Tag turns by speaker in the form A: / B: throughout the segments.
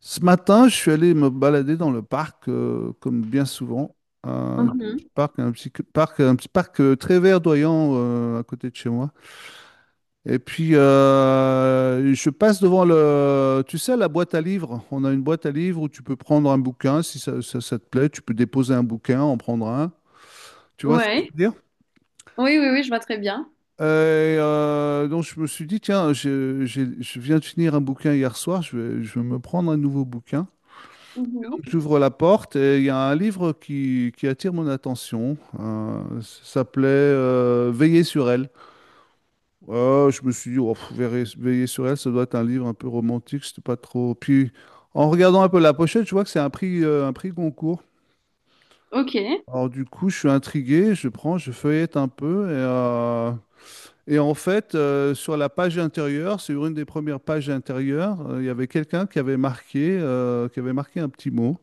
A: Ce matin, je suis allé me balader dans le parc, comme bien souvent. Un petit
B: Mhm.
A: parc, un petit parc, un petit parc très verdoyant à côté de chez moi. Et puis, je passe devant le, tu sais, la boîte à livres. On a une boîte à livres où tu peux prendre un bouquin, si ça, ça te plaît, tu peux déposer un bouquin, en prendre un. Tu vois ce que je
B: Ouais.
A: veux dire?
B: Oui, oui, oui, je vois très bien.
A: Et, donc, je me suis dit, tiens, je viens de finir un bouquin hier soir, je vais me prendre un nouveau bouquin.
B: Mhm.
A: Donc j'ouvre la porte et il y a un livre qui attire mon attention. Ça s'appelait Veiller sur elle. Je me suis dit, oh, pff, Veiller, Veiller sur elle, ça doit être un livre un peu romantique, c'était pas trop. Puis en regardant un peu la pochette, je vois que c'est un prix Goncourt.
B: Ok,
A: Alors du coup, je suis intrigué, je prends, je feuillette un peu et en fait, sur la page intérieure, sur une des premières pages intérieures, il y avait quelqu'un qui avait marqué un petit mot.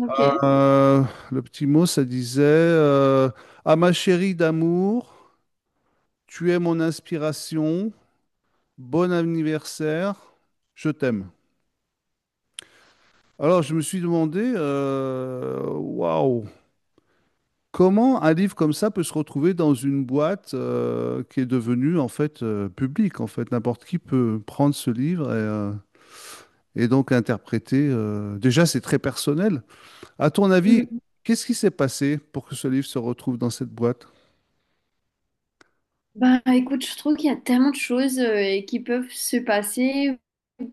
B: ok.
A: Euh, le petit mot, ça disait à ma chérie d'amour, tu es mon inspiration, bon anniversaire, je t'aime. Alors, je me suis demandé, waouh, comment un livre comme ça peut se retrouver dans une boîte qui est devenue en fait publique. En fait, n'importe qui peut prendre ce livre et donc interpréter. Déjà, c'est très personnel. À ton avis,
B: Mhm.
A: qu'est-ce qui s'est passé pour que ce livre se retrouve dans cette boîte?
B: Bah écoute, je trouve qu'il y a tellement de choses qui peuvent se passer.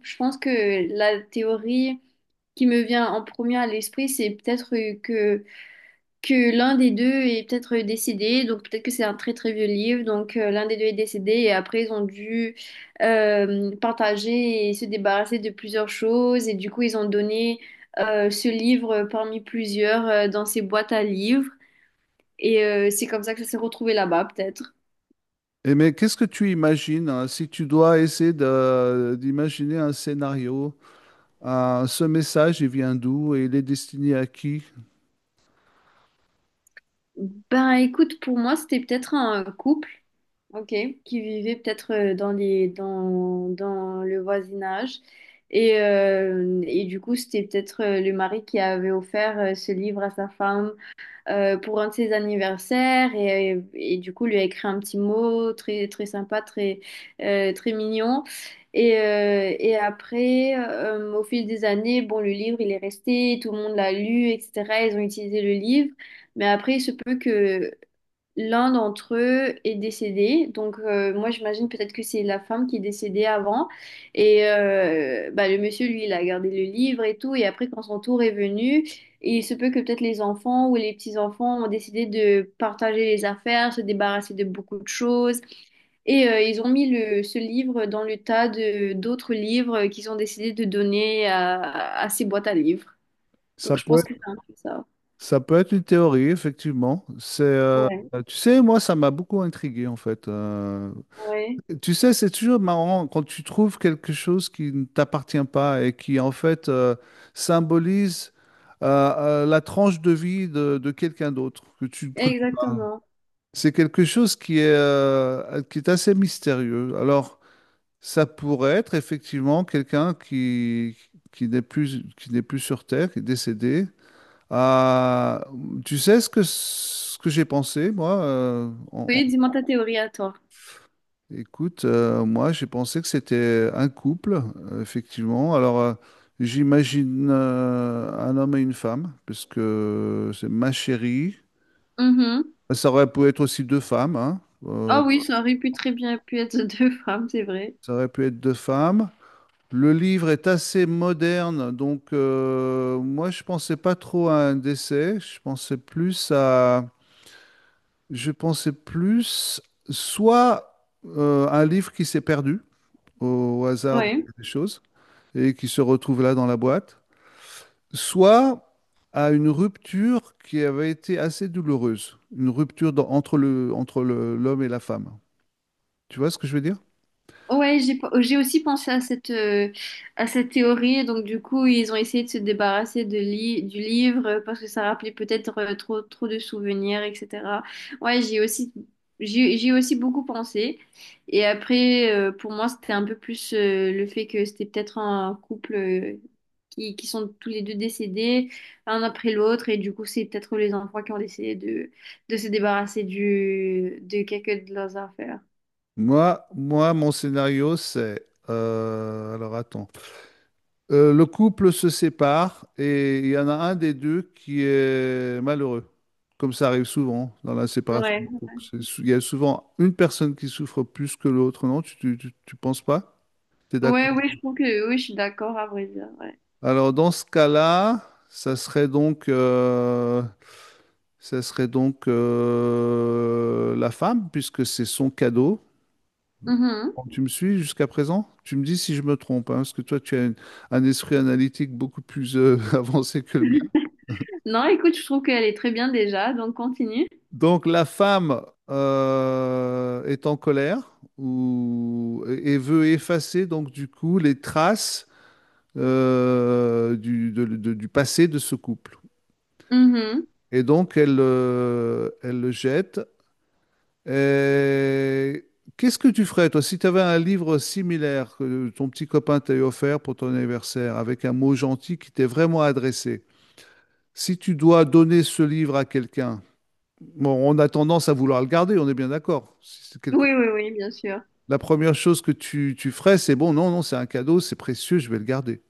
B: Je pense que la théorie qui me vient en premier à l'esprit, c'est peut-être que l'un des deux est peut-être décédé, donc peut-être que c'est un très très vieux livre, donc l'un des deux est décédé et après ils ont dû partager et se débarrasser de plusieurs choses et du coup ils ont donné ce livre parmi plusieurs dans ces boîtes à livres et c'est comme ça que ça s'est retrouvé là-bas peut-être.
A: Et mais qu'est-ce que tu imagines hein, si tu dois essayer d'imaginer un scénario, ce message, il vient d'où et il est destiné à qui?
B: Ben écoute, pour moi c'était peut-être un couple. Ok, qui vivaient peut-être dans dans le voisinage. Et du coup, c'était peut-être le mari qui avait offert ce livre à sa femme pour un de ses anniversaires et du coup lui a écrit un petit mot très très sympa, très mignon. Et après, au fil des années, bon, le livre il est resté, tout le monde l'a lu, etc. Ils ont utilisé le livre, mais après, il se peut que l'un d'entre eux est décédé, donc moi j'imagine peut-être que c'est la femme qui est décédée avant. Et bah, le monsieur, lui, il a gardé le livre et tout. Et après, quand son tour est venu, il se peut que peut-être les enfants ou les petits-enfants ont décidé de partager les affaires, se débarrasser de beaucoup de choses. Et ils ont mis ce livre dans le tas de d'autres livres qu'ils ont décidé de donner à ces boîtes à livres.
A: Ça
B: Donc je
A: peut
B: pense que
A: être,
B: c'est un peu ça.
A: ça peut être une théorie, effectivement. C'est,
B: Ouais,
A: tu sais, moi, ça m'a beaucoup intrigué, en fait.
B: ouais,
A: Tu sais, c'est toujours marrant quand tu trouves quelque chose qui ne t'appartient pas et qui, en fait, symbolise la tranche de vie de quelqu'un d'autre que tu ne connais pas.
B: exactement.
A: C'est quelque chose qui est assez mystérieux. Alors, ça pourrait être effectivement quelqu'un qui n'est plus sur Terre, qui est décédé. Ah, tu sais ce que j'ai pensé, moi?
B: Oui, dis-moi ta théorie à toi.
A: Écoute, moi, j'ai pensé que c'était un couple, effectivement. Alors, j'imagine un homme et une femme, parce que c'est ma chérie.
B: Mhm.
A: Ça aurait pu être aussi deux femmes, hein.
B: Ah oui, ça aurait pu très bien pu être deux femmes, c'est vrai.
A: Ça aurait pu être deux femmes. Le livre est assez moderne, donc moi je pensais pas trop à un décès, je pensais plus à, je pensais plus soit un livre qui s'est perdu au, hasard
B: Oui.
A: des choses et qui se retrouve là dans la boîte, soit à une rupture qui avait été assez douloureuse, une rupture entre le, l'homme et la femme. Tu vois ce que je veux dire?
B: Ouais, j'ai aussi pensé à à cette théorie. Donc, du coup, ils ont essayé de se débarrasser du livre parce que ça rappelait peut-être trop de souvenirs, etc. Ouais, j'ai aussi beaucoup pensé. Et après, pour moi, c'était un peu plus le fait que c'était peut-être un couple qui sont tous les deux décédés, un après l'autre. Et du coup, c'est peut-être les enfants qui ont décidé de se débarrasser de quelques de leurs affaires.
A: Moi, mon scénario c'est, alors attends. Le couple se sépare et il y en a un des deux qui est malheureux, comme ça arrive souvent dans la séparation.
B: Ouais.
A: De couple. Il y a souvent une personne qui souffre plus que l'autre, non? Tu penses pas? Tu es d'accord?
B: Ouais, ouais, je trouve que oui, je suis d'accord à vrai dire. Ouais.
A: Alors dans ce cas-là, ça serait donc, euh, ça serait donc la femme, puisque c'est son cadeau.
B: Mhm.
A: Bon, tu me suis jusqu'à présent? Tu me dis si je me trompe, hein, parce que toi, un esprit analytique beaucoup plus avancé que le mien.
B: Non, écoute, je trouve qu'elle est très bien déjà, donc continue.
A: Donc la femme est en colère ou, et veut effacer donc du coup les traces du passé de ce couple.
B: Mhm.
A: Et donc elle, elle le jette. Et qu'est-ce que tu ferais toi si tu avais un livre similaire que ton petit copain t'a offert pour ton anniversaire avec un mot gentil qui t'est vraiment adressé? Si tu dois donner ce livre à quelqu'un, bon, on a tendance à vouloir le garder, on est bien d'accord. Si c'est quelque
B: Oui, oui, oui, bien sûr.
A: la première chose que tu ferais, c'est bon, non, non, c'est un cadeau, c'est précieux, je vais le garder.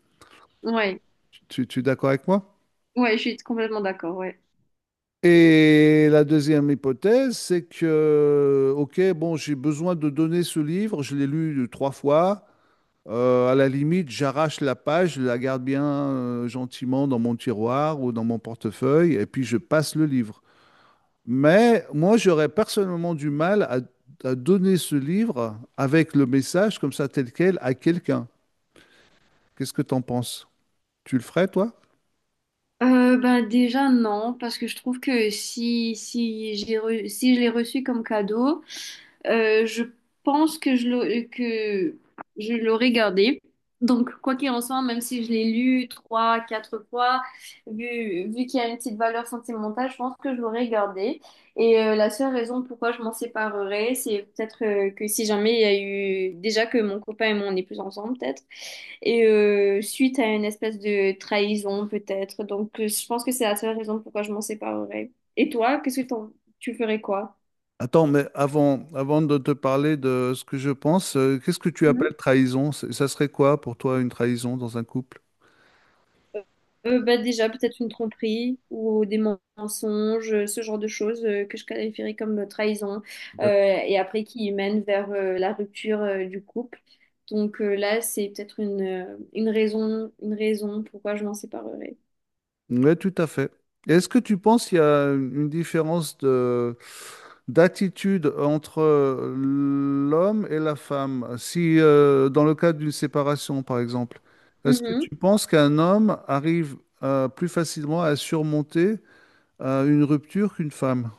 B: Ouais,
A: Tu es d'accord avec moi?
B: ouais, je suis complètement d'accord. Ouais.
A: Et la deuxième hypothèse, c'est que, ok, bon, j'ai besoin de donner ce livre, je l'ai lu trois fois. À la limite, j'arrache la page, je la garde bien gentiment dans mon tiroir ou dans mon portefeuille, et puis je passe le livre. Mais moi, j'aurais personnellement du mal à donner ce livre avec le message comme ça, tel quel, à quelqu'un. Qu'est-ce que tu en penses? Tu le ferais, toi?
B: Ben déjà non, parce que je trouve que si si je l'ai reçu comme cadeau, euh, je pense que je l'aurais gardé. Donc, quoi qu'il en soit, même si je l'ai lu trois, quatre fois, vu qu'il y a une petite valeur sentimentale, je pense que je l'aurais gardé. Et la seule raison pourquoi je m'en séparerais, c'est peut-être que si jamais il y a eu déjà que mon copain et moi on n'est plus ensemble, peut-être, et suite à une espèce de trahison, peut-être. Donc, je pense que c'est la seule raison pourquoi je m'en séparerais. Et toi, tu ferais quoi?
A: Attends, mais avant, avant de te parler de ce que je pense, qu'est-ce que tu appelles trahison? Ça serait quoi pour toi une trahison dans un couple?
B: Euh, bah, déjà, peut-être une tromperie ou des mensonges, ce genre de choses que je qualifierais comme trahison, euh,
A: D'ac-
B: et après qui mènent vers la rupture du couple. Donc là, c'est peut-être une raison pourquoi je m'en séparerais.
A: Oui, tout à fait. Et est-ce que tu penses qu'il y a une différence de d'attitude entre l'homme et la femme? Si dans le cas d'une séparation, par exemple, est-ce que
B: Mmh.
A: tu penses qu'un homme arrive plus facilement à surmonter une rupture qu'une femme?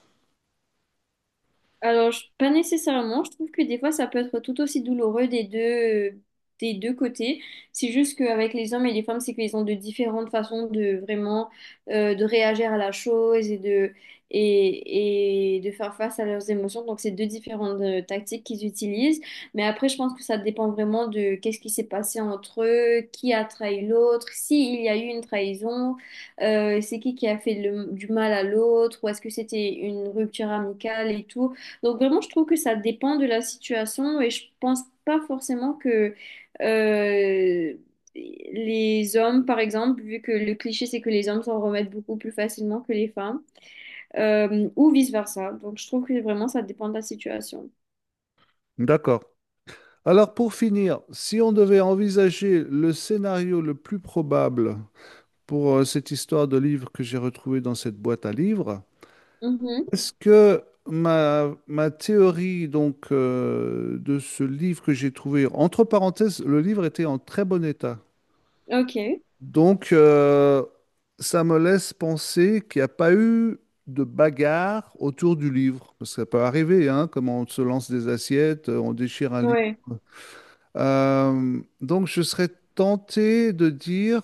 B: Pas nécessairement. Je trouve que des fois, ça peut être tout aussi douloureux des deux côtés. C'est juste qu'avec les hommes et les femmes, c'est qu'ils ont de différentes façons de vraiment de réagir à la chose et et de faire face à leurs émotions. Donc, c'est deux différentes tactiques qu'ils utilisent. Mais après, je pense que ça dépend vraiment de qu'est-ce qui s'est passé entre eux, qui a trahi l'autre, s'il y a eu une trahison. C'est qui du mal à l'autre, ou est-ce que c'était une rupture amicale et tout. Donc vraiment, je trouve que ça dépend de la situation et je pense pas forcément que euh, les hommes, par exemple, vu que le cliché c'est que les hommes s'en remettent beaucoup plus facilement que les femmes, ou vice-versa. Donc je trouve que vraiment ça dépend de la situation.
A: D'accord. Alors pour finir, si on devait envisager le scénario le plus probable pour cette histoire de livre que j'ai retrouvée dans cette boîte à livres,
B: Mhm.
A: est-ce que ma théorie donc de ce livre que j'ai trouvé, entre parenthèses, le livre était en très bon état.
B: Ok.
A: Donc ça me laisse penser qu'il n'y a pas eu de bagarre autour du livre. Parce que ça peut arriver, hein, comme on se lance des assiettes, on déchire un livre.
B: Ouais.
A: Donc, je serais tenté de dire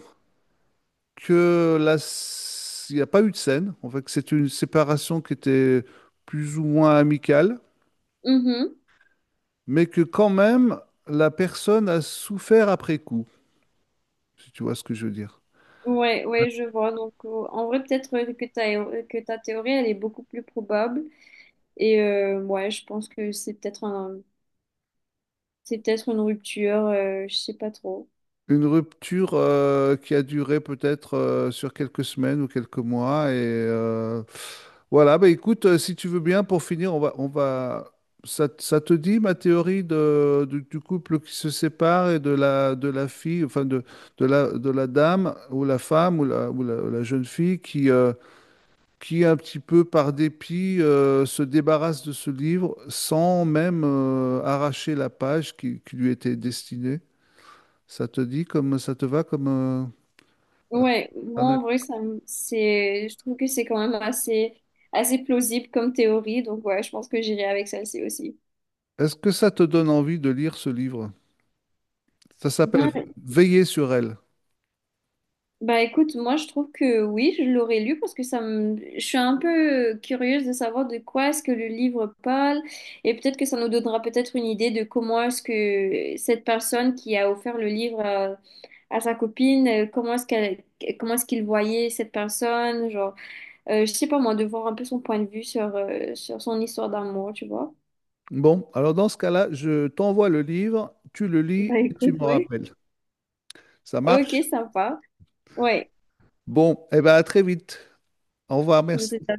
A: que il n'y a pas eu de scène. En fait, que c'est une séparation qui était plus ou moins amicale,
B: Mhm.
A: mais que quand même, la personne a souffert après coup, si tu vois ce que je veux dire.
B: Ouais, ouais, je vois. Donc en vrai, peut-être que ta théorie, elle est beaucoup plus probable. Et ouais, je pense que c'est peut-être une rupture, je sais pas trop.
A: Une rupture qui a duré peut-être sur quelques semaines ou quelques mois et voilà, bah écoute, si tu veux bien, pour finir, on va... ça te dit ma théorie de, du couple qui se sépare et de la fille, enfin de la dame ou la femme ou la, ou la, ou la jeune fille qui un petit peu par dépit se débarrasse de ce livre sans même arracher la page qui lui était destinée. Ça te dit comme ça te va comme
B: Ouais, moi
A: un-
B: en vrai, je trouve que c'est quand même assez plausible comme théorie, donc ouais, je pense que j'irai avec celle-ci aussi.
A: Est-ce que ça te donne envie de lire ce livre? Ça s'appelle
B: Ben,
A: Veiller sur elle.
B: bah écoute, moi je trouve que oui, je l'aurais lu parce que ça me... je suis un peu curieuse de savoir de quoi est-ce que le livre parle et peut-être que ça nous donnera peut-être une idée de comment est-ce que cette personne qui a offert le livre à sa copine, comment est-ce qu'il voyait cette personne, genre. Je sais pas moi, de voir un peu son point de vue sur son histoire d'amour, tu vois.
A: Bon, alors dans ce cas-là, je t'envoie le livre, tu le lis
B: Bah
A: et tu
B: écoute,
A: me
B: ouais.
A: rappelles. Ça
B: Ok,
A: marche?
B: sympa. Ouais,
A: Bon, eh bien à très vite. Au revoir,
B: je
A: merci.
B: sais pas.